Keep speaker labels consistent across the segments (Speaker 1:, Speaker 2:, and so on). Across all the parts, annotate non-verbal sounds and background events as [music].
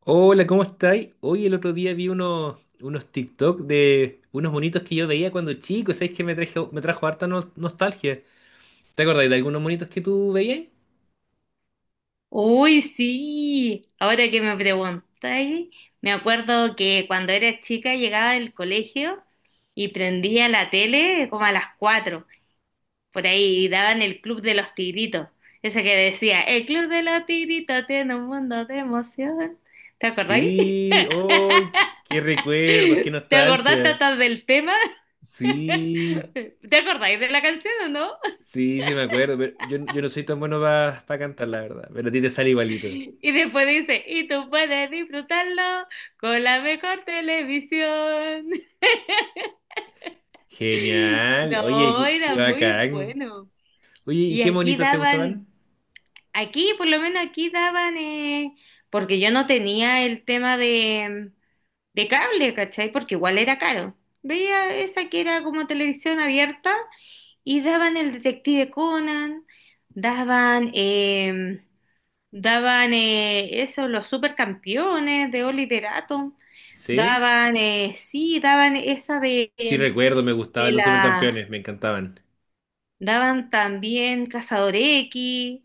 Speaker 1: Hola, ¿cómo estáis? Hoy el otro día vi unos TikTok de unos monitos que yo veía cuando chico, ¿sabes que me trajo harta nostalgia? ¿Te acordáis de algunos monitos que tú veías?
Speaker 2: Uy, sí, ahora que me preguntáis, me acuerdo que cuando era chica llegaba del colegio y prendía la tele como a las cuatro por ahí, y daban el Club de los Tigritos, ese que decía, el Club de los Tigritos tiene un mundo de emoción. ¿Te acordáis?
Speaker 1: Sí, ¡ay! qué recuerdos, qué
Speaker 2: [laughs] ¿Te acordaste
Speaker 1: nostalgia.
Speaker 2: hasta del tema?
Speaker 1: Sí,
Speaker 2: [laughs] ¿Te acordáis de la canción o no? [laughs]
Speaker 1: sí, sí me acuerdo, pero yo no soy tan bueno para cantar, la verdad, pero a ti te sale igualito.
Speaker 2: Y después dice, y tú puedes disfrutarlo con la mejor televisión. [laughs]
Speaker 1: Genial, oye,
Speaker 2: No,
Speaker 1: qué
Speaker 2: era muy
Speaker 1: bacán.
Speaker 2: bueno.
Speaker 1: Oye, ¿y
Speaker 2: Y
Speaker 1: qué
Speaker 2: aquí
Speaker 1: monitos te
Speaker 2: daban,
Speaker 1: gustaban?
Speaker 2: aquí por lo menos aquí daban, porque yo no tenía el tema de cable, ¿cachai? Porque igual era caro. Veía esa que era como televisión abierta y daban el Detective Conan, daban, daban eso, los supercampeones de Oliver Atom,
Speaker 1: ¿Sí?
Speaker 2: daban, sí, daban esa
Speaker 1: Sí, recuerdo, me
Speaker 2: de
Speaker 1: gustaban los
Speaker 2: la...
Speaker 1: supercampeones, me encantaban.
Speaker 2: Daban también Cazador X,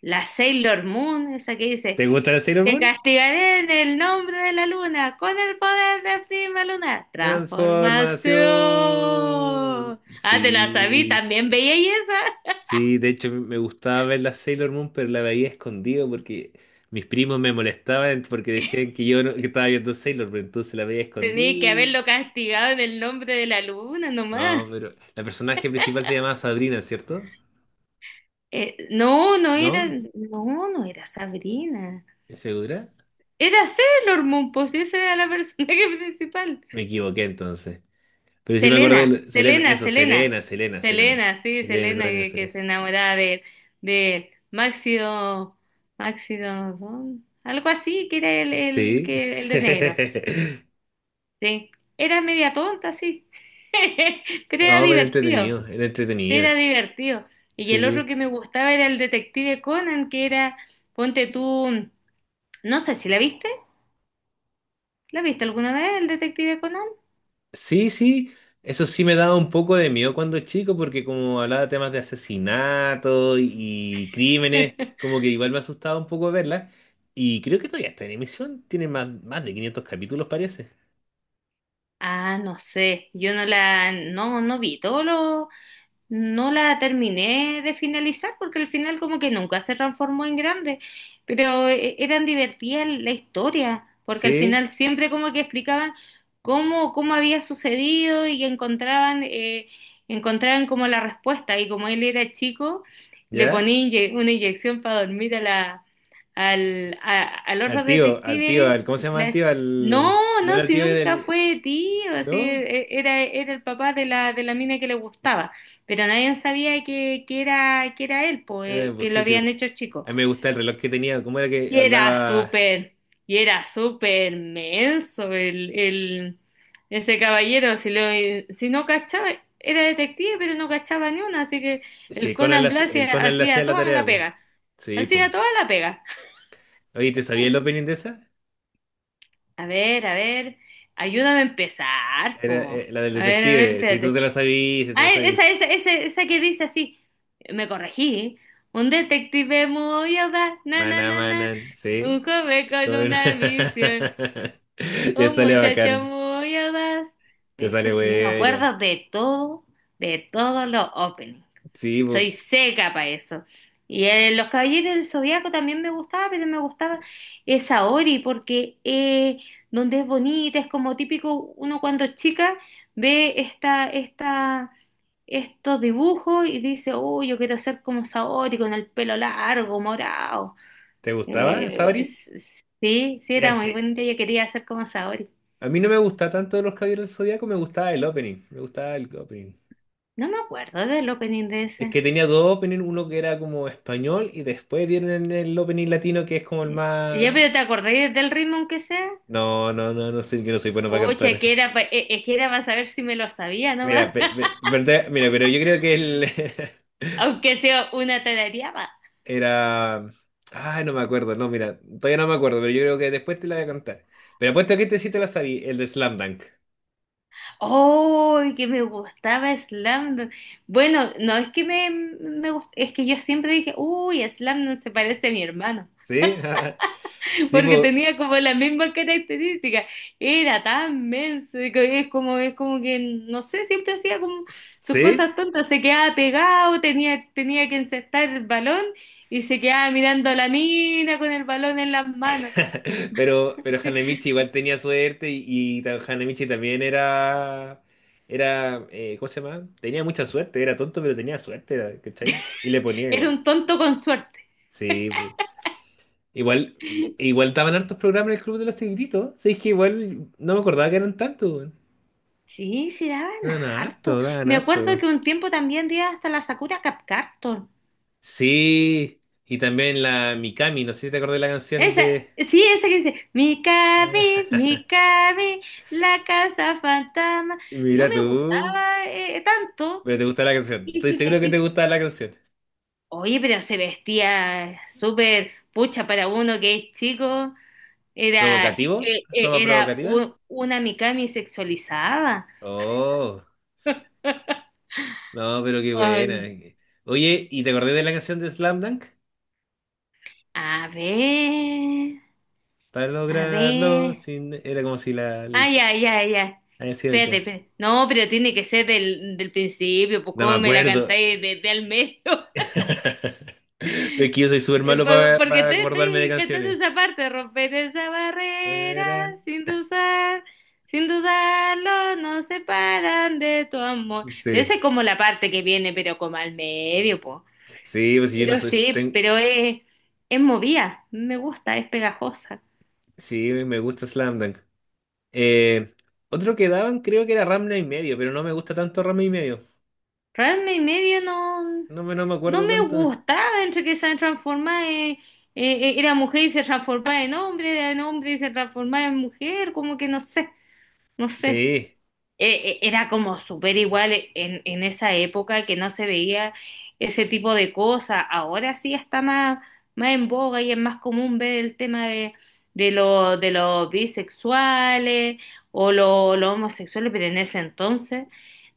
Speaker 2: la Sailor Moon, esa que dice,
Speaker 1: ¿Te gusta la Sailor
Speaker 2: te
Speaker 1: Moon?
Speaker 2: castigaré en el nombre de la luna, con el poder de Prima Luna.
Speaker 1: Transformación.
Speaker 2: Transformación. Ah, te la sabí,
Speaker 1: Sí,
Speaker 2: también veía y esa.
Speaker 1: sí, de hecho me gustaba ver la Sailor Moon, pero la veía escondido porque mis primos me molestaban porque decían que yo no- que estaba viendo Sailor Moon, entonces la veía
Speaker 2: Tenía que
Speaker 1: escondida.
Speaker 2: haberlo castigado en el nombre de la luna nomás.
Speaker 1: No, pero la personaje principal se llamaba Sabrina, ¿cierto?
Speaker 2: No era,
Speaker 1: ¿No?
Speaker 2: no era Sabrina.
Speaker 1: ¿Es segura?
Speaker 2: Era Sailor Moon, pues esa era la personaje [laughs] principal.
Speaker 1: Me equivoqué entonces. Pero sí me acordé
Speaker 2: Selena,
Speaker 1: de Selena,
Speaker 2: Selena,
Speaker 1: eso,
Speaker 2: Selena,
Speaker 1: Selena, Selena, Selena.
Speaker 2: Selena, sí,
Speaker 1: Selena,
Speaker 2: Selena
Speaker 1: Selena,
Speaker 2: que
Speaker 1: Selena.
Speaker 2: se enamoraba de, él, de Máximo, Máximo, ¿no? Algo así, que era el, el,
Speaker 1: Sí.
Speaker 2: que, el de negro,
Speaker 1: [laughs]
Speaker 2: sí. Era media tonta, sí, [laughs] pero era
Speaker 1: No, era
Speaker 2: divertido,
Speaker 1: entretenido, era entretenido.
Speaker 2: era divertido. Y el otro
Speaker 1: Sí,
Speaker 2: que me gustaba era el detective Conan, que era, ponte tú, no sé si la viste, ¿la viste alguna vez el detective Conan?
Speaker 1: sí, sí. Eso sí me daba un poco de miedo cuando chico, porque como hablaba de temas de asesinato y crímenes,
Speaker 2: [laughs]
Speaker 1: como que igual me asustaba un poco verla. Y creo que todavía está en emisión, tiene más de 500 capítulos, parece.
Speaker 2: Ah, no sé, yo no la, no vi todos los... No la terminé de finalizar porque al final como que nunca se transformó en grande, pero eran divertidas la historia, porque al
Speaker 1: Sí,
Speaker 2: final siempre como que explicaban cómo había sucedido y encontraban, encontraban como la respuesta, y como él era chico, le
Speaker 1: ¿ya?
Speaker 2: ponía una inyección para dormir a la, al, al
Speaker 1: Al
Speaker 2: otro
Speaker 1: tío, al tío,
Speaker 2: detective.
Speaker 1: al, ¿cómo se llama el
Speaker 2: La-
Speaker 1: tío? Al,
Speaker 2: No,
Speaker 1: no
Speaker 2: no,
Speaker 1: era el
Speaker 2: si
Speaker 1: tío, era
Speaker 2: nunca
Speaker 1: el...
Speaker 2: fue tío, así
Speaker 1: ¿No?
Speaker 2: era, era el papá de la mina que le gustaba. Pero nadie sabía que era, que era él, po,
Speaker 1: Era el
Speaker 2: que lo
Speaker 1: sí, sí.
Speaker 2: habían hecho chico.
Speaker 1: A mí me gusta el reloj que tenía, ¿cómo era que
Speaker 2: Y era
Speaker 1: hablaba?
Speaker 2: súper, y era súper menso ese caballero. Si, lo, si no cachaba, era detective, pero no cachaba ni una. Así que
Speaker 1: Sí,
Speaker 2: el Conan
Speaker 1: el
Speaker 2: Blase
Speaker 1: Conan le hacía
Speaker 2: hacía
Speaker 1: la
Speaker 2: toda la
Speaker 1: tarea, pues.
Speaker 2: pega.
Speaker 1: Sí, pues.
Speaker 2: Hacía toda la pega.
Speaker 1: Oye, ¿te sabías la opening de esa?
Speaker 2: A ver, ayúdame a empezar,
Speaker 1: Era
Speaker 2: po.
Speaker 1: la del
Speaker 2: A ver,
Speaker 1: detective. Si tú te
Speaker 2: espérate.
Speaker 1: la sabías, si te la
Speaker 2: Ah,
Speaker 1: sabías.
Speaker 2: esa que dice así. Me corregí, ¿eh? Un detective muy audaz, na, na,
Speaker 1: Maná,
Speaker 2: na, na.
Speaker 1: manan,
Speaker 2: Un
Speaker 1: sí.
Speaker 2: joven con
Speaker 1: Con-
Speaker 2: una misión.
Speaker 1: [laughs] Te
Speaker 2: Un
Speaker 1: sale
Speaker 2: muchacho
Speaker 1: bacán.
Speaker 2: muy audaz.
Speaker 1: Te
Speaker 2: Este
Speaker 1: sale
Speaker 2: sí, yo me
Speaker 1: buena.
Speaker 2: acuerdo de todo, de todos los openings.
Speaker 1: Sí,
Speaker 2: Soy seca para eso. Y Los Caballeros del Zodiaco también me gustaba, pero me gustaba esa Ori, porque donde es bonita, es como típico uno cuando es chica ve esta estos dibujos y dice, uy, yo quiero ser como Saori con el pelo largo, morado.
Speaker 1: ¿te gustaba, Sabri?
Speaker 2: Sí, sí, era
Speaker 1: Fíjate,
Speaker 2: muy bonita, yo quería ser como Saori.
Speaker 1: a mí no me gustaba tanto los Caballeros del Zodíaco, me gustaba el opening. Me gustaba el opening.
Speaker 2: No me acuerdo del opening de
Speaker 1: Es que
Speaker 2: ese.
Speaker 1: tenía dos openings, uno que era como español y después dieron el opening latino que es como el
Speaker 2: Eh, Ya,
Speaker 1: más.
Speaker 2: pero ¿te acordé del ritmo aunque sea?
Speaker 1: No, no sé, yo no soy bueno para cantar.
Speaker 2: Pucha, que era, es que era para saber si me lo sabía nomás,
Speaker 1: Mira, mira, pero yo creo que él [laughs]
Speaker 2: [laughs] aunque sea una tarareaba.
Speaker 1: era. Ay, no me acuerdo, no, mira, todavía no me acuerdo, pero yo creo que después te la voy a contar. Pero apuesto que este sí te la sabí, el de Slam Dunk.
Speaker 2: ¡Oh, que me gustaba Slam Dunk! Bueno, no es que me, es que yo siempre dije, uy, Slam Dunk se parece a mi hermano.
Speaker 1: ¿Sí? [laughs] Sí,
Speaker 2: Porque
Speaker 1: po-
Speaker 2: tenía como la misma característica. Era tan menso, y que es como que, no sé, siempre hacía como sus
Speaker 1: ¿Sí?
Speaker 2: cosas tontas, se quedaba pegado, tenía, tenía que encestar el balón y se quedaba mirando a la mina con el balón en las manos.
Speaker 1: [laughs] Pero
Speaker 2: [laughs]
Speaker 1: Hanemichi igual tenía suerte y, Hanemichi también era. Era. ¿Cómo se llama? Tenía mucha suerte, era tonto, pero tenía suerte, ¿cachai? Y le ponía
Speaker 2: Era
Speaker 1: igual.
Speaker 2: un tonto con suerte.
Speaker 1: Sí, igual, igual estaban hartos programas en el Club de los Tigritos. Sí, es que igual no me acordaba que eran tantos, weón.
Speaker 2: Sí, sí daban
Speaker 1: Daban
Speaker 2: harto.
Speaker 1: harto, daban
Speaker 2: Me acuerdo
Speaker 1: harto.
Speaker 2: que un tiempo también dio hasta la Sakura Card Captor.
Speaker 1: Sí, y también la Mikami, no sé si te acordás de la canción
Speaker 2: Esa,
Speaker 1: de...
Speaker 2: sí, esa que dice, Mikabi,
Speaker 1: [laughs]
Speaker 2: Mikabi, la casa fantasma. No
Speaker 1: Mira
Speaker 2: me
Speaker 1: tú,
Speaker 2: gustaba tanto.
Speaker 1: pero te gusta la canción.
Speaker 2: Y
Speaker 1: Estoy
Speaker 2: se
Speaker 1: seguro que te
Speaker 2: vestía,
Speaker 1: gusta la canción.
Speaker 2: oye, pero se vestía súper pucha para uno que es chico. Era,
Speaker 1: ¿Provocativo? ¿Ropa
Speaker 2: era
Speaker 1: provocativa?
Speaker 2: una Mikami sexualizada.
Speaker 1: Oh, no, pero qué buena.
Speaker 2: Ay,
Speaker 1: Oye, ¿y te acordás de la canción de Slam Dunk?
Speaker 2: a ver,
Speaker 1: Para
Speaker 2: a
Speaker 1: lograrlo,
Speaker 2: ver.
Speaker 1: sin... era como si
Speaker 2: Ay, ay, ay, ay.
Speaker 1: así era el
Speaker 2: Espérate,
Speaker 1: tema.
Speaker 2: espérate. No, pero tiene que ser del principio, pues
Speaker 1: No me
Speaker 2: cómo me la
Speaker 1: acuerdo.
Speaker 2: cantáis desde el medio.
Speaker 1: [laughs] Es que yo soy súper malo para,
Speaker 2: Porque
Speaker 1: para
Speaker 2: te
Speaker 1: acordarme de
Speaker 2: estoy cantando
Speaker 1: canciones.
Speaker 2: esa parte, romper esa barrera,
Speaker 1: Era-
Speaker 2: sin dudar, sin dudarlo, nos separan de tu amor. Pero esa es
Speaker 1: Sí,
Speaker 2: como la parte que viene, pero como al medio, po.
Speaker 1: sí, pues sí, yo no
Speaker 2: Pero
Speaker 1: soy.
Speaker 2: sí,
Speaker 1: Ten-
Speaker 2: pero es movida, me gusta, es pegajosa.
Speaker 1: Sí, me gusta Slam Dunk. Eh, otro que daban creo que era Ramna y medio, pero no me gusta tanto Ramna y medio.
Speaker 2: Pero y media no,
Speaker 1: No me
Speaker 2: no
Speaker 1: acuerdo
Speaker 2: me
Speaker 1: tanto.
Speaker 2: gustaba, entre que se transformaba en, era mujer y se transformaba en hombre, era en hombre y se transformaba en mujer, como que no sé, no sé.
Speaker 1: Sí,
Speaker 2: Era como súper igual en esa época que no se veía ese tipo de cosas. Ahora sí está más, más en boga y es más común ver el tema de, de los bisexuales o los homosexuales, pero en ese entonces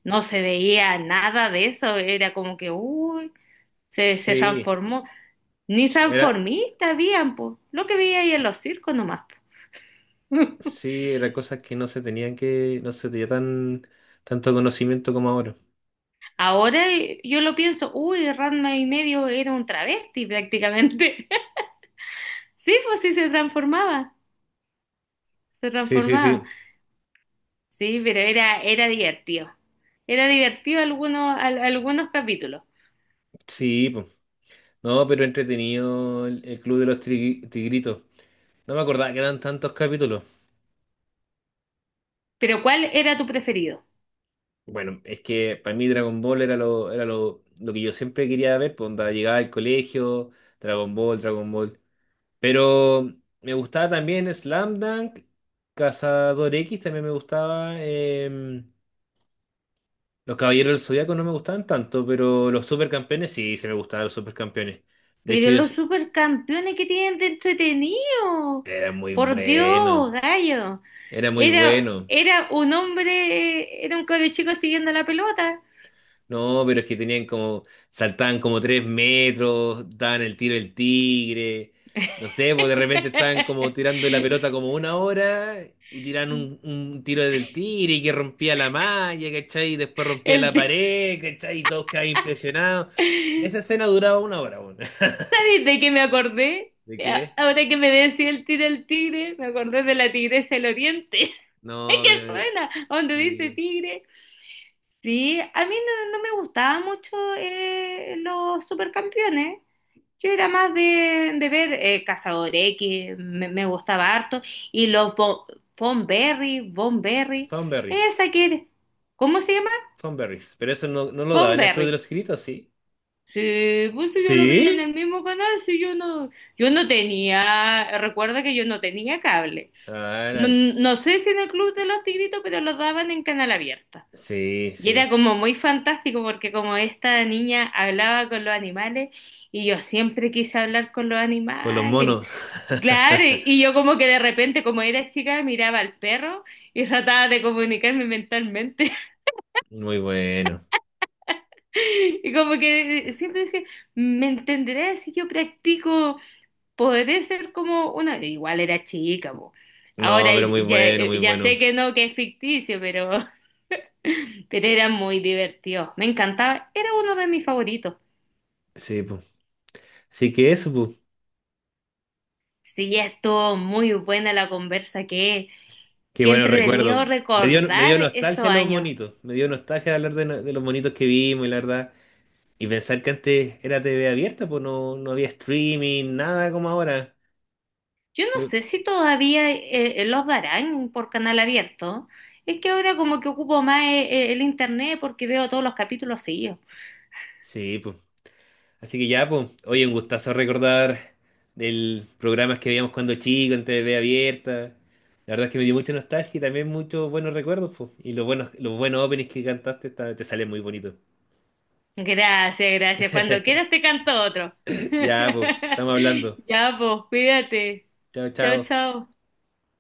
Speaker 2: no se veía nada de eso. Era como que, uy, se
Speaker 1: sí.
Speaker 2: transformó. Ni
Speaker 1: Era,
Speaker 2: transformista habían, pues, lo que veía ahí en los circos nomás. [laughs]
Speaker 1: sí, era cosas que no se tenían que, no se tenía tan, tanto conocimiento como ahora.
Speaker 2: Ahora yo lo pienso, uy, Ranma y medio era un travesti prácticamente. [laughs] Sí, pues sí se transformaba, se
Speaker 1: Sí, sí,
Speaker 2: transformaba.
Speaker 1: sí.
Speaker 2: Sí, pero era, era divertido. Era divertido algunos, algunos capítulos.
Speaker 1: Sí, po. No, pero entretenido el Club de los Tri- Tigritos. No me acordaba que eran tantos capítulos.
Speaker 2: Pero ¿cuál era tu preferido?
Speaker 1: Bueno, es que para mí Dragon Ball lo que yo siempre quería ver, pues onda, llegaba al colegio, Dragon Ball, Dragon Ball. Pero me gustaba también Slam Dunk, Cazador X también me gustaba. Los Caballeros del Zodiaco no me gustaban tanto, pero los Supercampeones sí, se me gustaban los Supercampeones. De hecho,
Speaker 2: Pero los
Speaker 1: ellos
Speaker 2: supercampeones que tienen de entretenido.
Speaker 1: era muy
Speaker 2: Por Dios,
Speaker 1: bueno
Speaker 2: gallo.
Speaker 1: era muy
Speaker 2: Era,
Speaker 1: bueno.
Speaker 2: era un hombre, era un cabro chico siguiendo la pelota.
Speaker 1: No, pero es que tenían como, saltaban como 3 metros, daban el tiro del tigre, no sé, pues de repente estaban como
Speaker 2: [laughs]
Speaker 1: tirando la pelota como una hora y tiran un tiro del tigre y que rompía la malla, ¿cachai? Y después rompía la
Speaker 2: El,
Speaker 1: pared, ¿cachai? Y todos quedaban impresionados. Esa escena duraba una hora, bueno. [laughs]
Speaker 2: ¿sabes de que me acordé?
Speaker 1: ¿De
Speaker 2: Ya,
Speaker 1: qué?
Speaker 2: ahora que me decía el tigre, me acordé de la tigresa del oriente. [laughs] Es
Speaker 1: No,
Speaker 2: que
Speaker 1: pero...
Speaker 2: suena, donde dice
Speaker 1: Sí.
Speaker 2: tigre. Sí, a mí no, no me gustaban mucho los supercampeones. Yo era más de ver Cazador X, me gustaba harto. Y los Von Berry, Von Berry,
Speaker 1: Tom Berry,
Speaker 2: esa que, ¿cómo se llama?
Speaker 1: Tom Berries. Pero eso no lo daba
Speaker 2: Von
Speaker 1: en el Club de
Speaker 2: Berry.
Speaker 1: los Gritos, ¿sí?
Speaker 2: Sí, pues si yo lo veía en
Speaker 1: ¿Sí?
Speaker 2: el mismo canal, si yo no, yo no tenía, recuerda que yo no tenía cable.
Speaker 1: Ah,
Speaker 2: No,
Speaker 1: era-
Speaker 2: no sé si en el Club de los Tigritos, pero lo daban en canal abierta.
Speaker 1: sí,
Speaker 2: Y era
Speaker 1: sí.
Speaker 2: como muy fantástico porque como esta niña hablaba con los animales y yo siempre quise hablar con los
Speaker 1: Con los
Speaker 2: animales.
Speaker 1: monos.
Speaker 2: Claro,
Speaker 1: [laughs]
Speaker 2: y yo como que de repente, como era chica, miraba al perro y trataba de comunicarme mentalmente.
Speaker 1: Muy bueno.
Speaker 2: [laughs] Y como que siempre decía, ¿me entenderás si yo practico? Podré ser como una, igual era chica, po.
Speaker 1: No,
Speaker 2: Ahora
Speaker 1: pero muy
Speaker 2: ya,
Speaker 1: bueno, muy
Speaker 2: ya
Speaker 1: bueno.
Speaker 2: sé que no, que es ficticio, pero, [laughs] pero era muy divertido. Me encantaba, era uno de mis favoritos.
Speaker 1: Sí, pues. Así que eso, pues.
Speaker 2: Sí, ya estuvo muy buena la conversa, que
Speaker 1: Qué
Speaker 2: qué
Speaker 1: bueno
Speaker 2: entretenido
Speaker 1: recuerdo. Me
Speaker 2: recordar
Speaker 1: dio
Speaker 2: esos
Speaker 1: nostalgia los
Speaker 2: años.
Speaker 1: monitos. Me dio nostalgia hablar de, de los monitos que vimos, y la verdad. Y pensar que antes era TV abierta, pues no había streaming, nada como ahora.
Speaker 2: Yo no
Speaker 1: Fue-
Speaker 2: sé si todavía los darán por canal abierto. Es que ahora como que ocupo más el internet porque veo todos los capítulos seguidos.
Speaker 1: Sí, pues. Así que ya, pues, oye, un gustazo recordar del programas que veíamos cuando chico en TV abierta. La verdad es que me dio mucha nostalgia y también muchos buenos recuerdos, pues. Y los buenos openings que cantaste te salen muy bonitos.
Speaker 2: Gracias, gracias. Cuando
Speaker 1: [laughs]
Speaker 2: quieras te canto otro.
Speaker 1: Ya, pues, estamos
Speaker 2: [laughs]
Speaker 1: hablando.
Speaker 2: Ya, pues, cuídate.
Speaker 1: Chao,
Speaker 2: Chao,
Speaker 1: chao.
Speaker 2: chao.